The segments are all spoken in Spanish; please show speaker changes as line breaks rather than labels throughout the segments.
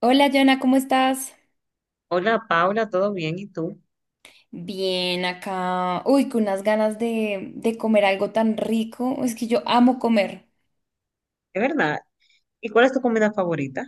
Hola, Jana, ¿cómo estás?
Hola Paula, ¿todo bien? ¿Y tú?
Bien, acá. Uy, con unas ganas de comer algo tan rico. Es que yo amo comer.
Es verdad. ¿Y cuál es tu comida favorita?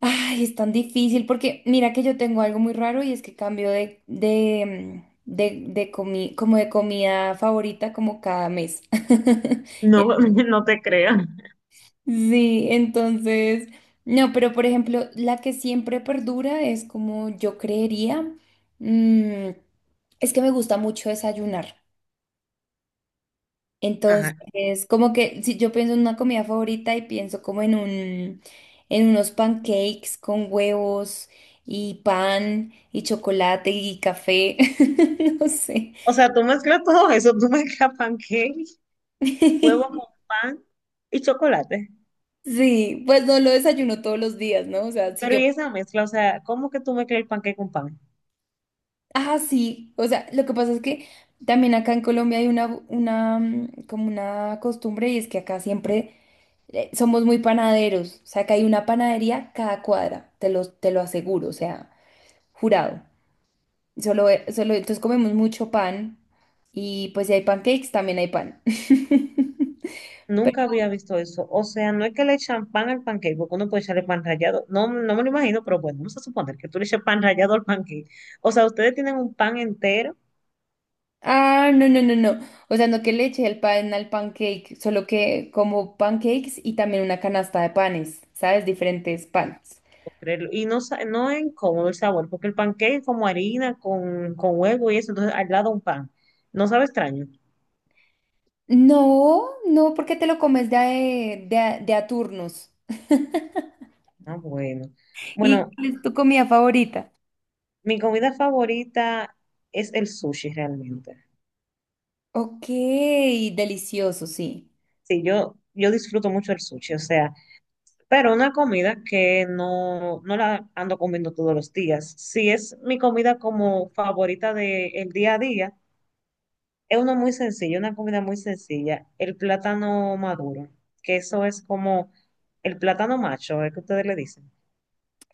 Ay, es tan difícil porque mira que yo tengo algo muy raro y es que cambio de, mm, de comi- como de comida favorita como cada mes.
No, no te creo.
Sí, entonces, no, pero por ejemplo, la que siempre perdura es como yo creería. mm, es que me gusta mucho desayunar.
Ajá.
Entonces, como que si yo pienso en una comida favorita y pienso como en en unos pancakes con huevos y pan y chocolate y café, no sé.
O sea, tú mezclas todo eso, tú mezclas pancake, huevo con pan y chocolate.
Sí, pues no lo desayuno todos los días, ¿no? O sea, si
Pero
yo,
¿y esa mezcla? O sea, ¿cómo que tú mezclas el pancake con pan?
ah, sí, o sea, lo que pasa es que también acá en Colombia hay una como una costumbre y es que acá siempre somos muy panaderos, o sea, acá hay una panadería cada cuadra, te lo aseguro, o sea, jurado. Solo, solo, entonces comemos mucho pan y pues si hay pancakes, también hay pan.
Nunca había visto eso. O sea, no es que le echan pan al pancake, porque uno puede echarle pan rallado. No, no me lo imagino, pero bueno, vamos a suponer que tú le echas pan rallado al pancake. O sea, ustedes tienen un pan entero.
Ah, no, no, no, no. O sea, no que le eche el pan al pancake, solo que como pancakes y también una canasta de panes, ¿sabes? Diferentes panes.
Puedo creerlo. Y no, no es incómodo el sabor, porque el pancake es como harina con huevo y eso, entonces al lado un pan. No sabe extraño.
No, no, porque te lo comes de a turnos.
Ah, bueno.
¿Y
Bueno,
cuál es tu comida favorita?
mi comida favorita es el sushi realmente.
Ok, delicioso, sí.
Sí, yo disfruto mucho el sushi, o sea, pero una comida que no la ando comiendo todos los días. Si es mi comida como favorita del día a día, es uno muy sencillo, una comida muy sencilla. El plátano maduro, que eso es como el plátano macho, es que ustedes le dicen.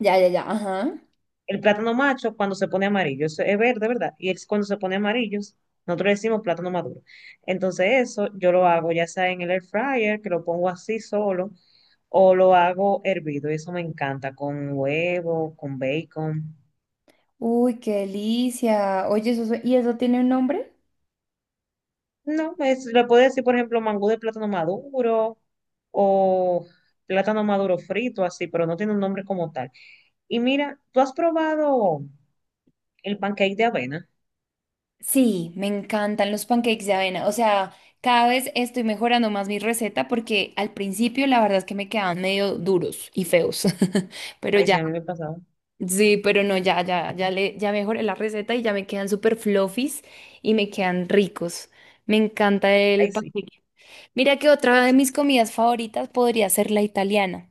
Ya, ya, ya, ajá.
El plátano macho cuando se pone amarillo, eso es verde, ¿verdad? Y es cuando se pone amarillo, nosotros le decimos plátano maduro. Entonces eso yo lo hago ya sea en el air fryer, que lo pongo así solo, o lo hago hervido, y eso me encanta, con huevo, con bacon.
Uy, qué delicia. Oye, ¿y eso tiene un nombre?
No, es, le puedo decir, por ejemplo, mangú de plátano maduro o plátano maduro frito, así, pero no tiene un nombre como tal. Y mira, ¿tú has probado el pancake de avena?
Sí, me encantan los pancakes de avena. O sea, cada vez estoy mejorando más mi receta porque al principio la verdad es que me quedaban medio duros y feos. Pero
Ay, sí,
ya,
a mí me pasaba.
sí, pero no, ya mejoré la receta y ya me quedan súper fluffies y me quedan ricos. Me encanta el
Ay, sí.
pancake. Mira que otra de mis comidas favoritas podría ser la italiana.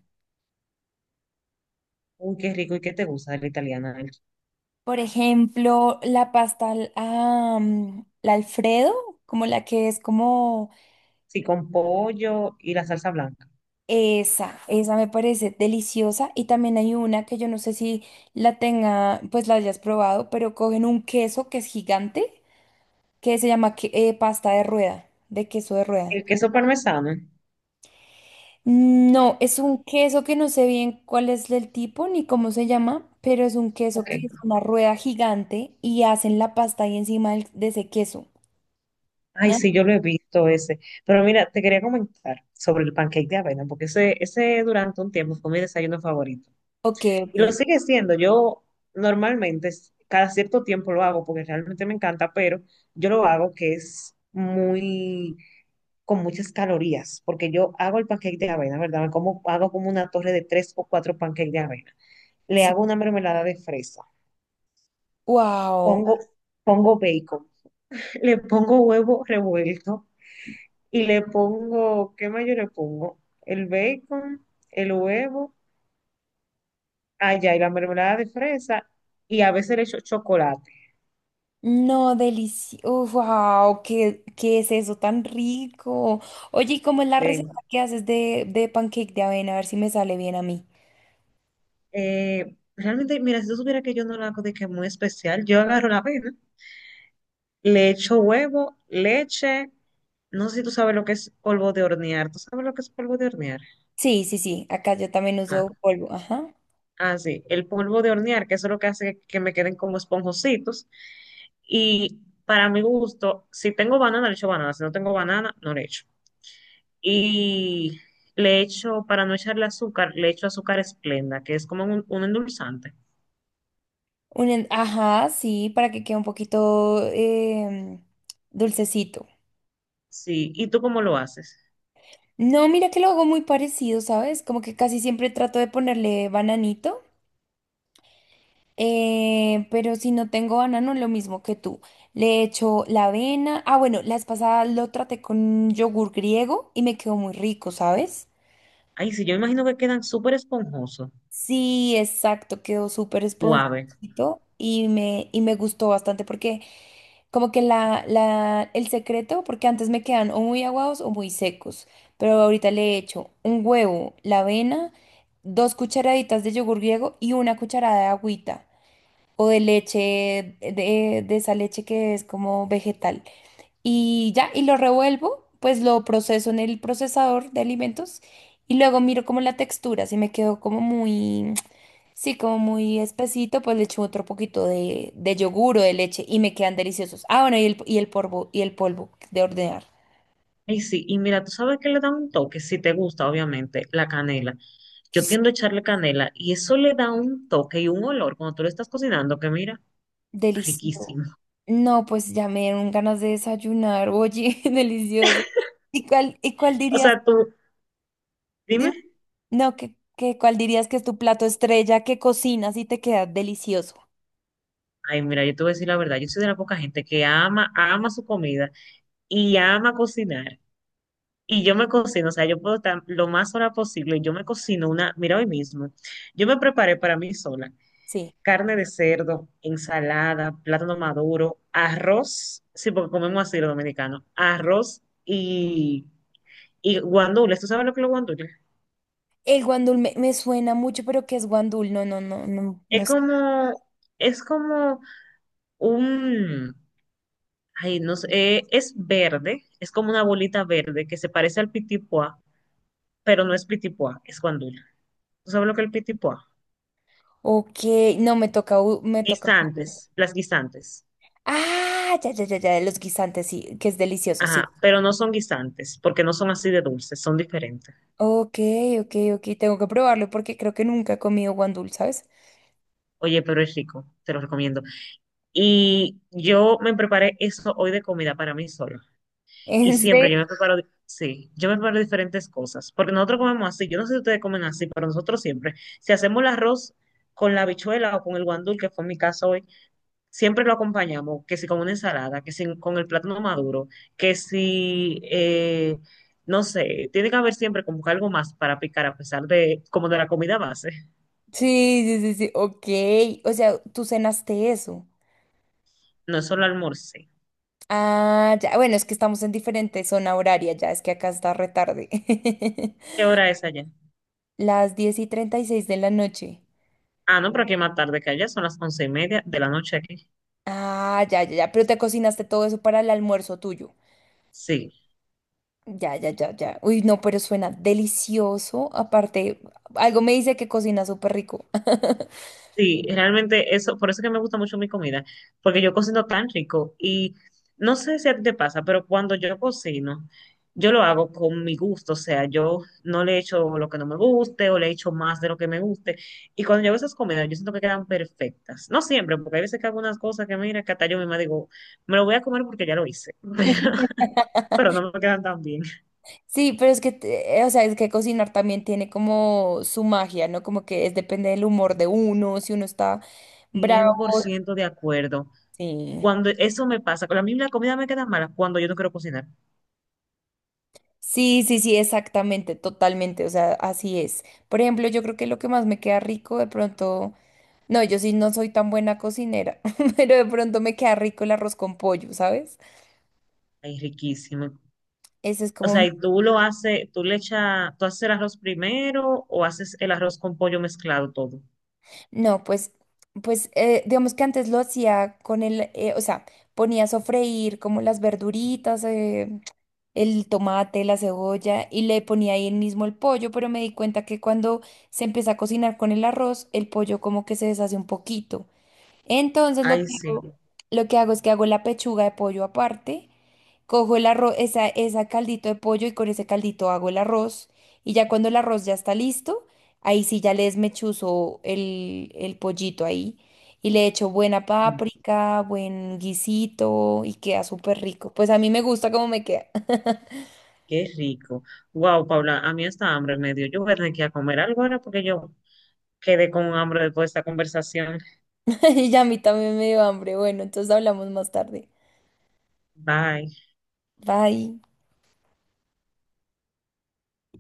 Uy, qué rico y qué te gusta de la italiana. El-
Por ejemplo, la pasta, la Alfredo, como la que es como
Sí, con pollo y la salsa blanca.
esa me parece deliciosa. Y también hay una que yo no sé si la tenga, pues la hayas probado, pero cogen un queso que es gigante, que se llama que- pasta de rueda, de queso de rueda.
El queso parmesano.
No, es un queso que no sé bien cuál es el tipo ni cómo se llama, pero es un queso
Ok.
que es una rueda gigante y hacen la pasta ahí encima de ese queso,
Ay,
¿no?
sí, yo lo he visto ese. Pero mira, te quería comentar sobre el pancake de avena, porque ese durante un tiempo fue mi desayuno favorito.
Ok,
Y lo
ok.
sigue siendo. Yo normalmente cada cierto tiempo lo hago porque realmente me encanta, pero yo lo hago que es muy con muchas calorías, porque yo hago el pancake de avena, ¿verdad? Me como, hago como una torre de tres o cuatro pancakes de avena. Le
Sí.
hago una mermelada de fresa.
Wow.
Pongo, pongo bacon. Le pongo huevo revuelto y le pongo, ¿qué más yo le pongo? El bacon, el huevo, allá y la mermelada de fresa y a veces le echo chocolate.
No, delicioso. Wow, ¿qué es eso tan rico? Oye, ¿y cómo es la receta que haces de pancake de avena? A ver si me sale bien a mí.
Realmente, mira, si tú supieras que yo no la hago de que muy especial, yo agarro la avena, le echo huevo, leche, no sé si tú sabes lo que es polvo de hornear, ¿tú sabes lo que es polvo de hornear?
Sí, sí, sí, acá yo también
Ah,
uso polvo, ajá.
sí, el polvo de hornear, que eso es lo que hace que me queden como esponjositos. Y para mi gusto, si tengo banana, le echo banana. Si no tengo banana, no le echo. Y le echo, para no echarle azúcar, le echo azúcar esplenda, que es como un endulzante.
Ajá, sí, para que quede un poquito dulcecito.
Sí. ¿Y tú cómo lo haces?
No, mira que lo hago muy parecido, ¿sabes? Como que casi siempre trato de ponerle bananito. Pero si no tengo banano, lo mismo que tú. Le echo la avena. Ah, bueno, la vez pasada lo traté con yogur griego y me quedó muy rico, ¿sabes?
Ay, sí, yo imagino que quedan súper esponjosos,
Sí, exacto, quedó súper
suaves.
esponjosito y y me gustó bastante porque como que el secreto, porque antes me quedan o muy aguados o muy secos, pero ahorita le he hecho un huevo, la avena, dos cucharaditas de yogur griego y una cucharada de agüita, o de leche, de esa leche que es como vegetal. Y ya, y lo revuelvo, pues lo proceso en el procesador de alimentos y luego miro como la textura, si me quedó como muy, sí, como muy espesito, pues le echo otro poquito de yogur o de leche y me quedan deliciosos. Ah, bueno, y el polvo de hornear
Ay, sí, y mira, tú sabes que le da un toque, si te gusta, obviamente, la canela. Yo tiendo a echarle canela y eso le da un toque y un olor cuando tú lo estás cocinando, que mira,
delicioso.
riquísimo.
No, pues ya me dieron ganas de desayunar, oye, delicioso. ¿Y cuál
O
dirías?
sea, tú, dime.
No, que ¿cuál dirías que es tu plato estrella que cocinas y te queda delicioso?
Ay, mira, yo te voy a decir la verdad, yo soy de la poca gente que ama, ama su comida y ama cocinar. Y yo me cocino, o sea, yo puedo estar lo más sola posible. Yo me cocino una, mira hoy mismo, yo me preparé para mí sola
Sí.
carne de cerdo, ensalada, plátano maduro, arroz, sí, porque comemos así los dominicanos, arroz y guandules. ¿Tú sabes lo que es los guandules?
Me suena mucho, pero ¿qué es guandul? No, no, no, no,
Es
no sé.
como, es como un, ay, no sé, es verde, es como una bolita verde que se parece al pitipuá, pero no es pitipuá, es guandule. ¿Tú sabes lo que es el pitipuá?
Ok, no, me toca.
Guisantes, las guisantes.
Ah, ya, ya, ya, ya, los guisantes, sí, que es delicioso, sí.
Ajá, pero no son guisantes, porque no son así de dulces, son diferentes.
Ok, ok, ok, tengo que probarlo porque creo que nunca he comido guandul, ¿sabes?
Oye, pero es rico, te lo recomiendo. Y yo me preparé eso hoy de comida para mí sola. Y
¿En serio?
siempre yo me preparo, sí, yo me preparo diferentes cosas. Porque nosotros comemos así, yo no sé si ustedes comen así, pero nosotros siempre, si hacemos el arroz con la habichuela o con el guandul, que fue mi caso hoy, siempre lo acompañamos, que si con una ensalada, que si con el plátano maduro, que si, no sé, tiene que haber siempre como que algo más para picar a pesar de, como de la comida base.
Sí, sí, sí, sí, ok. O sea, tú cenaste eso.
No es solo almuerzo.
Ah, ya, bueno, es que estamos en diferente zona horaria, ya, es que acá está retarde.
¿Qué hora es allá?
Las 10:36 de la noche.
Ah, no, pero aquí más tarde que allá, son las 11:30 de la noche aquí.
Ah, ya, ya, ya. Pero te cocinaste todo eso para el almuerzo tuyo.
Sí,
Ya, ya, ya, ya. Uy, no, pero suena delicioso. Aparte, algo me dice que cocina súper rico.
sí, realmente eso, por eso es que me gusta mucho mi comida, porque yo cocino tan rico y no sé si a ti te pasa, pero cuando yo cocino, yo lo hago con mi gusto, o sea, yo no le echo lo que no me guste o le echo más de lo que me guste. Y cuando yo hago esas comidas, yo siento que quedan perfectas. No siempre, porque hay veces que hago unas cosas que mira, que hasta yo misma digo, me lo voy a comer porque ya lo hice, pero no me quedan tan bien.
Sí, pero es que, o sea, es que cocinar también tiene como su magia, ¿no? Como que es, depende del humor de uno, si uno está bravo.
100% de acuerdo.
Sí.
Cuando eso me pasa, con la misma comida me queda mala cuando yo no quiero cocinar.
Sí, sí, sí, exactamente, totalmente. O sea, así es. Por ejemplo, yo creo que lo que más me queda rico de pronto. No, yo sí no soy tan buena cocinera, pero de pronto me queda rico el arroz con pollo, ¿sabes?
Ay, riquísimo.
Ese es
O sea,
como,
y tú lo haces, tú le echas, tú haces el arroz primero o haces el arroz con pollo mezclado todo.
no, pues, pues, digamos que antes lo hacía con o sea, ponía a sofreír como las verduritas, el tomate, la cebolla, y le ponía ahí el mismo el pollo, pero me di cuenta que cuando se empieza a cocinar con el arroz, el pollo como que se deshace un poquito. Entonces lo
Ay,
que
sí.
hago, lo que hago es que hago la pechuga de pollo aparte, cojo el arroz, esa caldito de pollo y con ese caldito hago el arroz. Y ya cuando el arroz ya está listo, ahí sí ya le desmechuzo el pollito ahí y le echo buena
Ay,
páprica, buen guisito y queda súper rico. Pues a mí me gusta cómo me queda.
qué rico. Wow, Paula, a mí esta hambre me dio. Yo voy a tener que ir a comer algo ahora porque yo quedé con hambre después de esta conversación.
Y ya a mí también me dio hambre. Bueno, entonces hablamos más tarde.
Bye.
Bye.